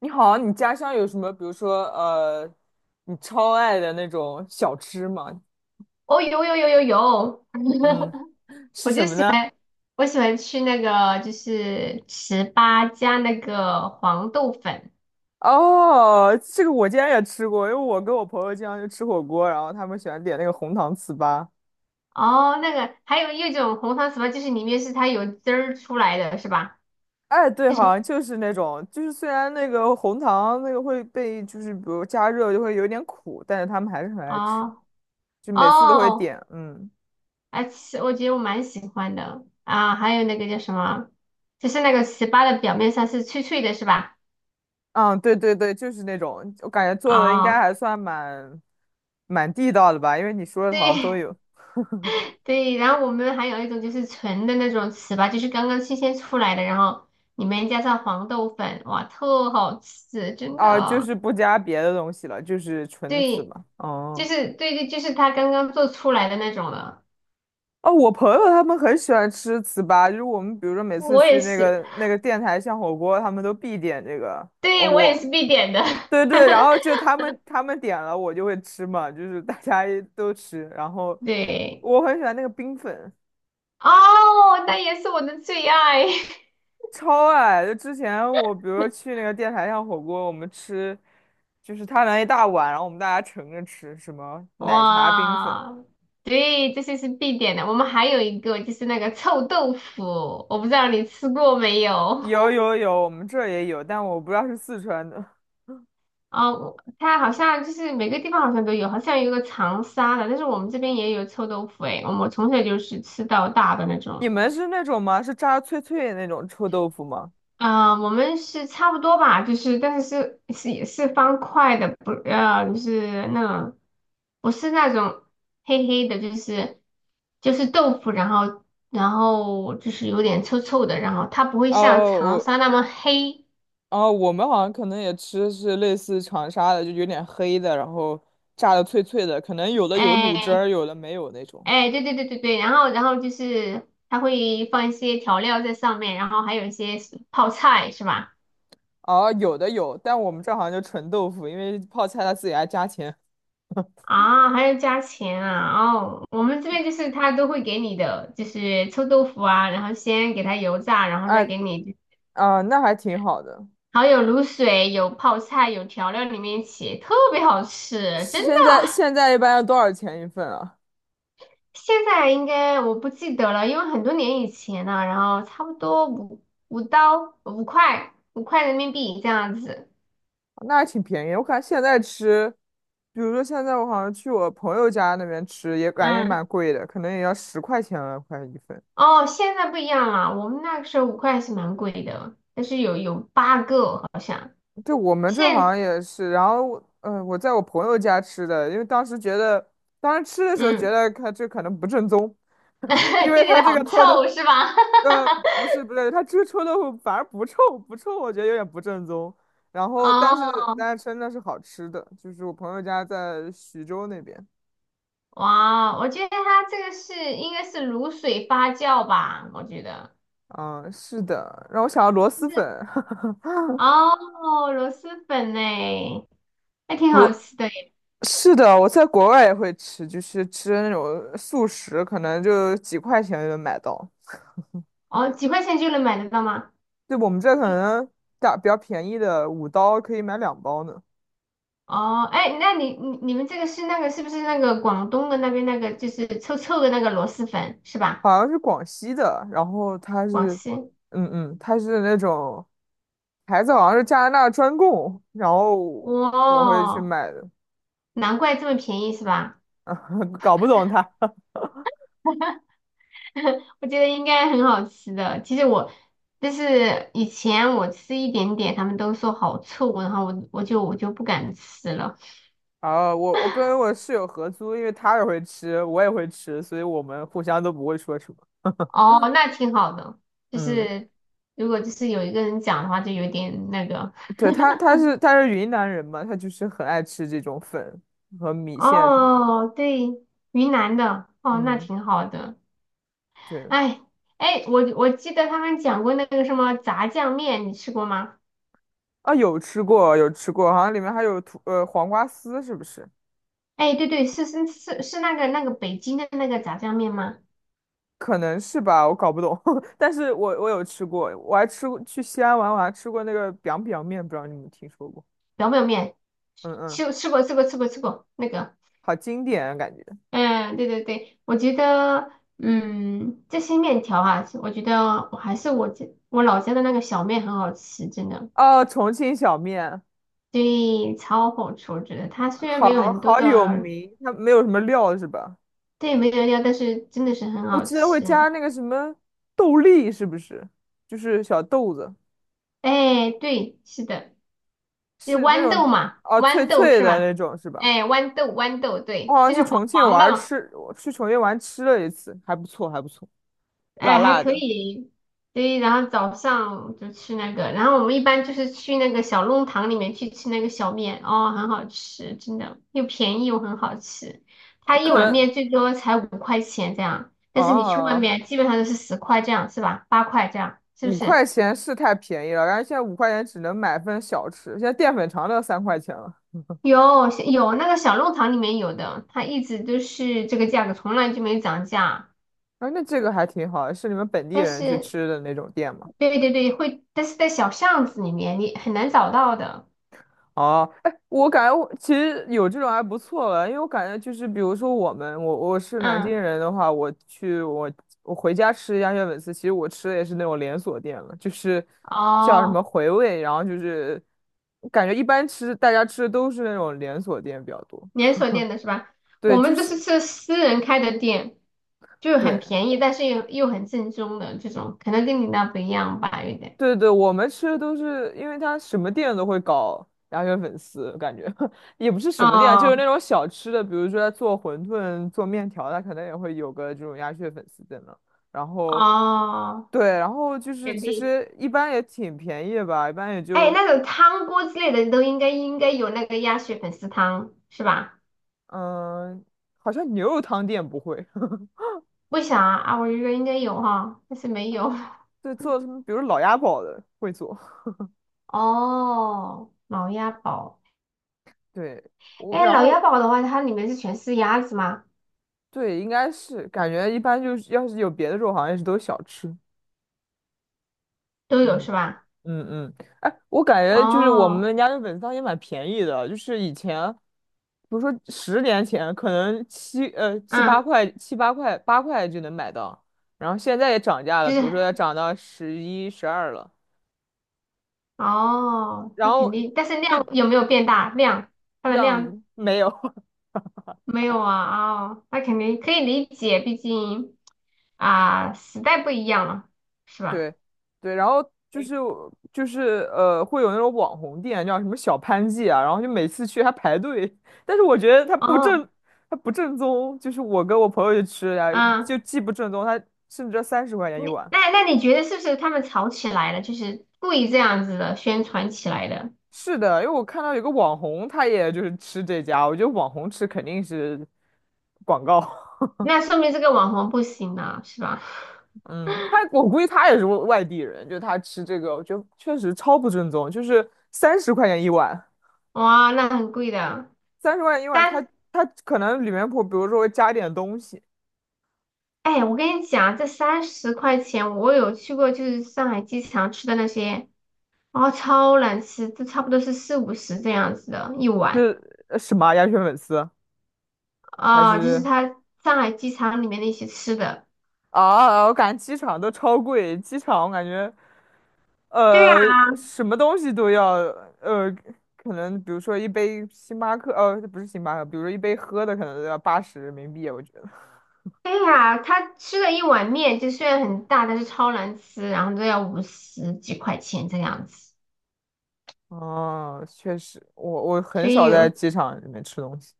你好，你家乡有什么，比如说你超爱的那种小吃吗？哦，有有有有有，嗯，是我什就么喜呢？欢，我喜欢吃那个就是糍粑加那个黄豆粉。哦，这个我竟然也吃过，因为我跟我朋友经常去吃火锅，然后他们喜欢点那个红糖糍粑。哦，那个还有一种红糖糍粑，就是里面是它有汁儿出来的，是吧？哎，对，就是好像就是那种，就是虽然那个红糖那个会被，就是比如加热就会有点苦，但是他们还是很爱吃，哦就每次都会哦，点。嗯，啊，我觉得我蛮喜欢的啊。还有那个叫什么，就是那个糍粑的表面上是脆脆的，是吧？嗯，对对对，就是那种，我感觉做的应该哦，还算蛮地道的吧，因为你说的对，好像都 有。对，然后我们还有一种就是纯的那种糍粑，就是刚刚新鲜出来的，然后里面加上黄豆粉，哇，特好吃，真的啊，就啊。是不加别的东西了，就是纯糍对，粑。就哦是对对，就是它刚刚做出来的那种了。哦，我朋友他们很喜欢吃糍粑，就是我们比如说每次我去也那是，个那个电台巷火锅，他们都必点这个。哦，对，我也是必点的。对对，然后 就他们点了，我就会吃嘛，就是大家都吃。然后对，我很喜欢那个冰粉，哦，那也是我的最爱。超爱。就之前我比如说去那个电台巷火锅，我们吃就是他拿一大碗，然后我们大家盛着吃，什么 奶茶冰粉。哇，对，这些是必点的。我们还有一个就是那个臭豆腐，我不知道你吃过没有。有有有，我们这儿也有，但我不知道是四川的。哦，它好像就是每个地方好像都有，好像有个长沙的，但是我们这边也有臭豆腐诶，我们从小就是吃到大的那你种。们是那种吗？是炸脆脆的那种臭豆腐吗？啊、我们是差不多吧，就是但是是也是方块的，不就是那种不是那种黑黑的，就是豆腐，然后然后就是有点臭臭的，然后它不会哦，像长我沙那么黑，哦，我们好像可能也吃是类似长沙的，就有点黑的，然后炸的脆脆的，可能有的有卤汁儿，哎、有的没有那种。哎，对对对对对，然后就是它会放一些调料在上面，然后还有一些是泡菜是吧？哦，有的有，但我们这儿好像就纯豆腐，因为泡菜他自己还加钱。啊，还要加钱啊！哦，我们这边就是他都会给你的，就是臭豆腐啊，然后先给它油炸，然后啊再给你，啊，那还挺好的。还有卤水、有泡菜、有调料里面一起，特别好吃，真的。现在一般要多少钱一份啊？现在应该我不记得了，因为很多年以前了，然后差不多五5刀五块五块人民币这样子。那还挺便宜。我感觉现在吃，比如说现在我好像去我朋友家那边吃，也感觉也蛮嗯。贵的，可能也要十块钱了，快一份。哦，现在不一样了，我们那个时候五块是蛮贵的，但是有八个好像。对，我们这好现像也是。然后我，我在我朋友家吃的，因为当时觉得，当时吃的时候觉嗯，得他这可能不正宗，因 为这里他的这好个臭豆，臭是吧？呃，不是不对，他这个臭豆腐反而不臭，不臭，我觉得有点不正宗。然后，但是哦，但是真的是好吃的，就是我朋友家在徐州那边。哇，我觉得它这个是应该是卤水发酵吧，我觉得嗯，是的，让我想到螺就蛳是粉，哦，螺蛳粉呢，还挺好螺，吃的耶。是的，我在国外也会吃，就是吃那种速食，可能就几块钱就能买到。哦，几块钱就能买得到吗？对，我们这可能打比较便宜的，5刀可以买两包呢。哦，哎，那你们这个是那个是不是那个广东的那边那个就是臭臭的那个螺蛳粉是吧？好像是广西的，然后它广是，西。嗯嗯，它是那种牌子好像是加拿大专供，然后我会去哇，买的，难怪这么便宜是吧？搞不懂它。我觉得应该很好吃的。其实我就是以前我吃一点点，他们都说好臭，然后我就不敢吃了。啊，我跟我室友合租，因为他也会吃，我也会吃，所以我们互相都不会说什么。哦，那挺好的，就嗯，是如果就是有一个人讲的话，就有点那个。对，他是云南人嘛，他就是很爱吃这种粉和米线什么的。哦，对，云南的，哦，那嗯，挺好的。对哎哎，我记得他们讲过那个什么炸酱面，你吃过吗？啊，有吃过，有吃过，好像里面还有黄瓜丝，是不是？哎，对对，是那个北京的那个炸酱面吗？可能是吧，我搞不懂，但是我有吃过，我还吃过去西安玩，我还吃过那个 biang biang 面，不知道你们听说过？表面，嗯嗯，吃过吃过吃过吃过那个，好经典啊感觉。嗯，对对对，我觉得，嗯，这些面条啊，我觉得我还是我老家的那个小面很好吃，真的，哦，重庆小面，对，超好吃，我觉得它虽然没有好很多好有的，名，它没有什么料是吧？对，没有料，但是真的是很我好记得会吃。加那个什么豆粒，是不是？就是小豆子。哎，对，是的，就是是那豌豆种嘛，哦脆豌豆脆是的那吧？种是吧？哎，豌豆豌豆，我对，好像就去是黄重庆黄玩的儿嘛。吃，我去重庆玩吃了一次，还不错还不错，辣哎，还辣可的，以，对，然后早上就吃那个，然后我们一般就是去那个小弄堂里面去吃那个小面，哦，很好吃，真的，又便宜又很好吃。它一可碗能面最多才5块钱这样，但是你去外哦面基本上都是十块这样，是吧？8块这样，是不五是？块钱是太便宜了，然后现在五块钱只能买份小吃，现在淀粉肠都要3块钱了。有那个小弄堂里面有的，它一直都是这个价格，从来就没涨价。啊，那这个还挺好，是你们本地但人去是，吃的那种店吗？对对对，会，但是在小巷子里面你很难找到的。哦，哎，我感觉我其实有这种还不错了，因为我感觉就是，比如说我们，我是南京嗯，人的话，我回家吃鸭血粉丝，其实我吃的也是那种连锁店了，就是叫什么哦。回味，然后就是感觉一般吃大家吃的都是那种连锁店比较多，连锁店的是吧？我对，就们都是是吃私人开的店，就很对，便宜，但是又很正宗的这种，可能跟你那不一样吧，有点。对对，我们吃的都是，因为他什么店都会搞鸭血粉丝，感觉 也不是什么店啊，就是哦那种小吃的，比如说他做馄饨、做面条，它可能也会有个这种鸭血粉丝在那。然后，哦，对，然后就是肯其定。实一般也挺便宜的吧，一般也哎，就那种汤锅之类的都应该有那个鸭血粉丝汤是吧？嗯，好像牛肉汤店不会，为啥啊？啊我觉得应该有哈，但是没有。对，做什么，比如老鸭煲的会做，哦，老鸭煲。对哎，然老后鸭煲的话，它里面是全是鸭子吗？对，应该是感觉一般就是要是有别的肉，好像也是都是小吃，都有是嗯。吧？嗯嗯，哎，我感觉就是我哦，们家的粉汤也蛮便宜的，就是以前，比如说10年前，可能七八嗯。块、七八块、八块就能买到，然后现在也涨价了，就比如是说要涨到11、12了，哦，然那肯后定，但是就量有没有变大？量，它的量量没有，没有啊，哦，那肯定可以理解，毕竟啊，时代不一样了，是吧？对对，然后就对是就是，会有那种网红店，叫什么小潘记啊，然后就每次去还排队，但是我觉得它不哦，正，它不正宗，就是我跟我朋友去吃呀，就啊，既不正宗，它甚至要三十块钱一你碗。那那你觉得是不是他们吵起来了，就是故意这样子的宣传起来的？是的，因为我看到有个网红，他也就是吃这家，我觉得网红吃肯定是广告。那说明这个网红不行了，是吧？嗯，他我估计他也是外地人，就他吃这个，我觉得确实超不正宗，就是三十块钱一碗。哇，那很贵的，30万一碗，它三，它可能里面谱，比如说会加点东西，哎，我跟你讲，这30块钱，我有去过，就是上海机场吃的那些。哦，超难吃，这差不多是四五十这样子的一碗是什么啊鸭血粉丝还哦，就是是他上海机场里面那些吃的。啊？啊我感觉机场都超贵，机场我感觉对呀，呃什么东西都要呃，可能比如说一杯星巴克，不是星巴克，比如说一杯喝的可能都要80人民币，我觉得。对呀，他吃了一碗面，就虽然很大，但是超难吃，然后都要五十几块钱这样子。哦，确实，我所很少以，在机场里面吃东西。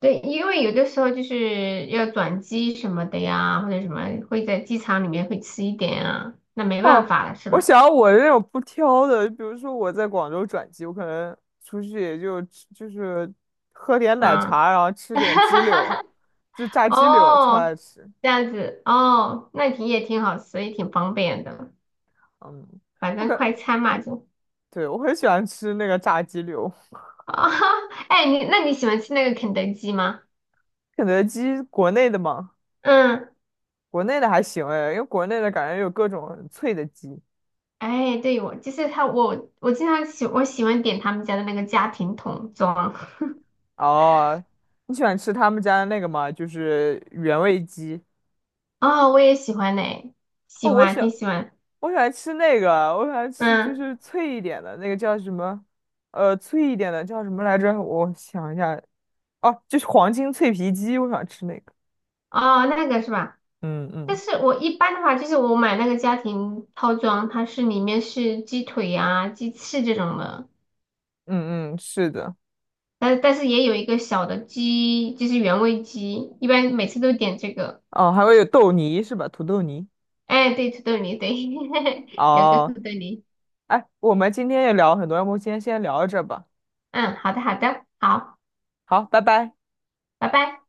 对，因为有的时候就是要转机什么的呀，或者什么会在机场里面会吃一点啊，那没办哦，法了，是我吧？想要我那种不挑的，比如说我在广州转机，我可能出去也就吃就是喝点奶嗯，茶，然后吃点鸡柳，就炸鸡柳超哦，爱吃。这样子，哦，那挺也挺好吃，也挺方便的。嗯，反我正感快餐嘛就对我很喜欢吃那个炸鸡柳，啊，哎，你那你喜欢吃那个肯德基吗？肯德基国内的嘛，嗯，国内的还行哎，因为国内的感觉有各种很脆的鸡。哎，对，我就是他，我经常喜欢点他们家的那个家庭桶装，哦，你喜欢吃他们家的那个吗？就是原味鸡。哦，我也喜欢呢、喜哦，我欢，喜挺欢。喜欢，我喜欢吃那个，我喜欢吃就嗯，是脆一点的那个叫什么？脆一点的叫什么来着？我想一下，哦，就是黄金脆皮鸡，我想吃那个。哦，那个是吧？嗯但嗯是我一般的话，就是我买那个家庭套装，它是里面是鸡腿呀、鸡翅这种的，嗯嗯，是的。但是也有一个小的鸡，就是原味鸡，一般每次都点这个。哦，还会有豆泥是吧？土豆泥。哎，对，土豆泥，对，有个土哦，豆泥。哎，我们今天也聊了很多，要不今天先聊到这儿吧。嗯，好的，好的，好，好，拜拜。拜拜。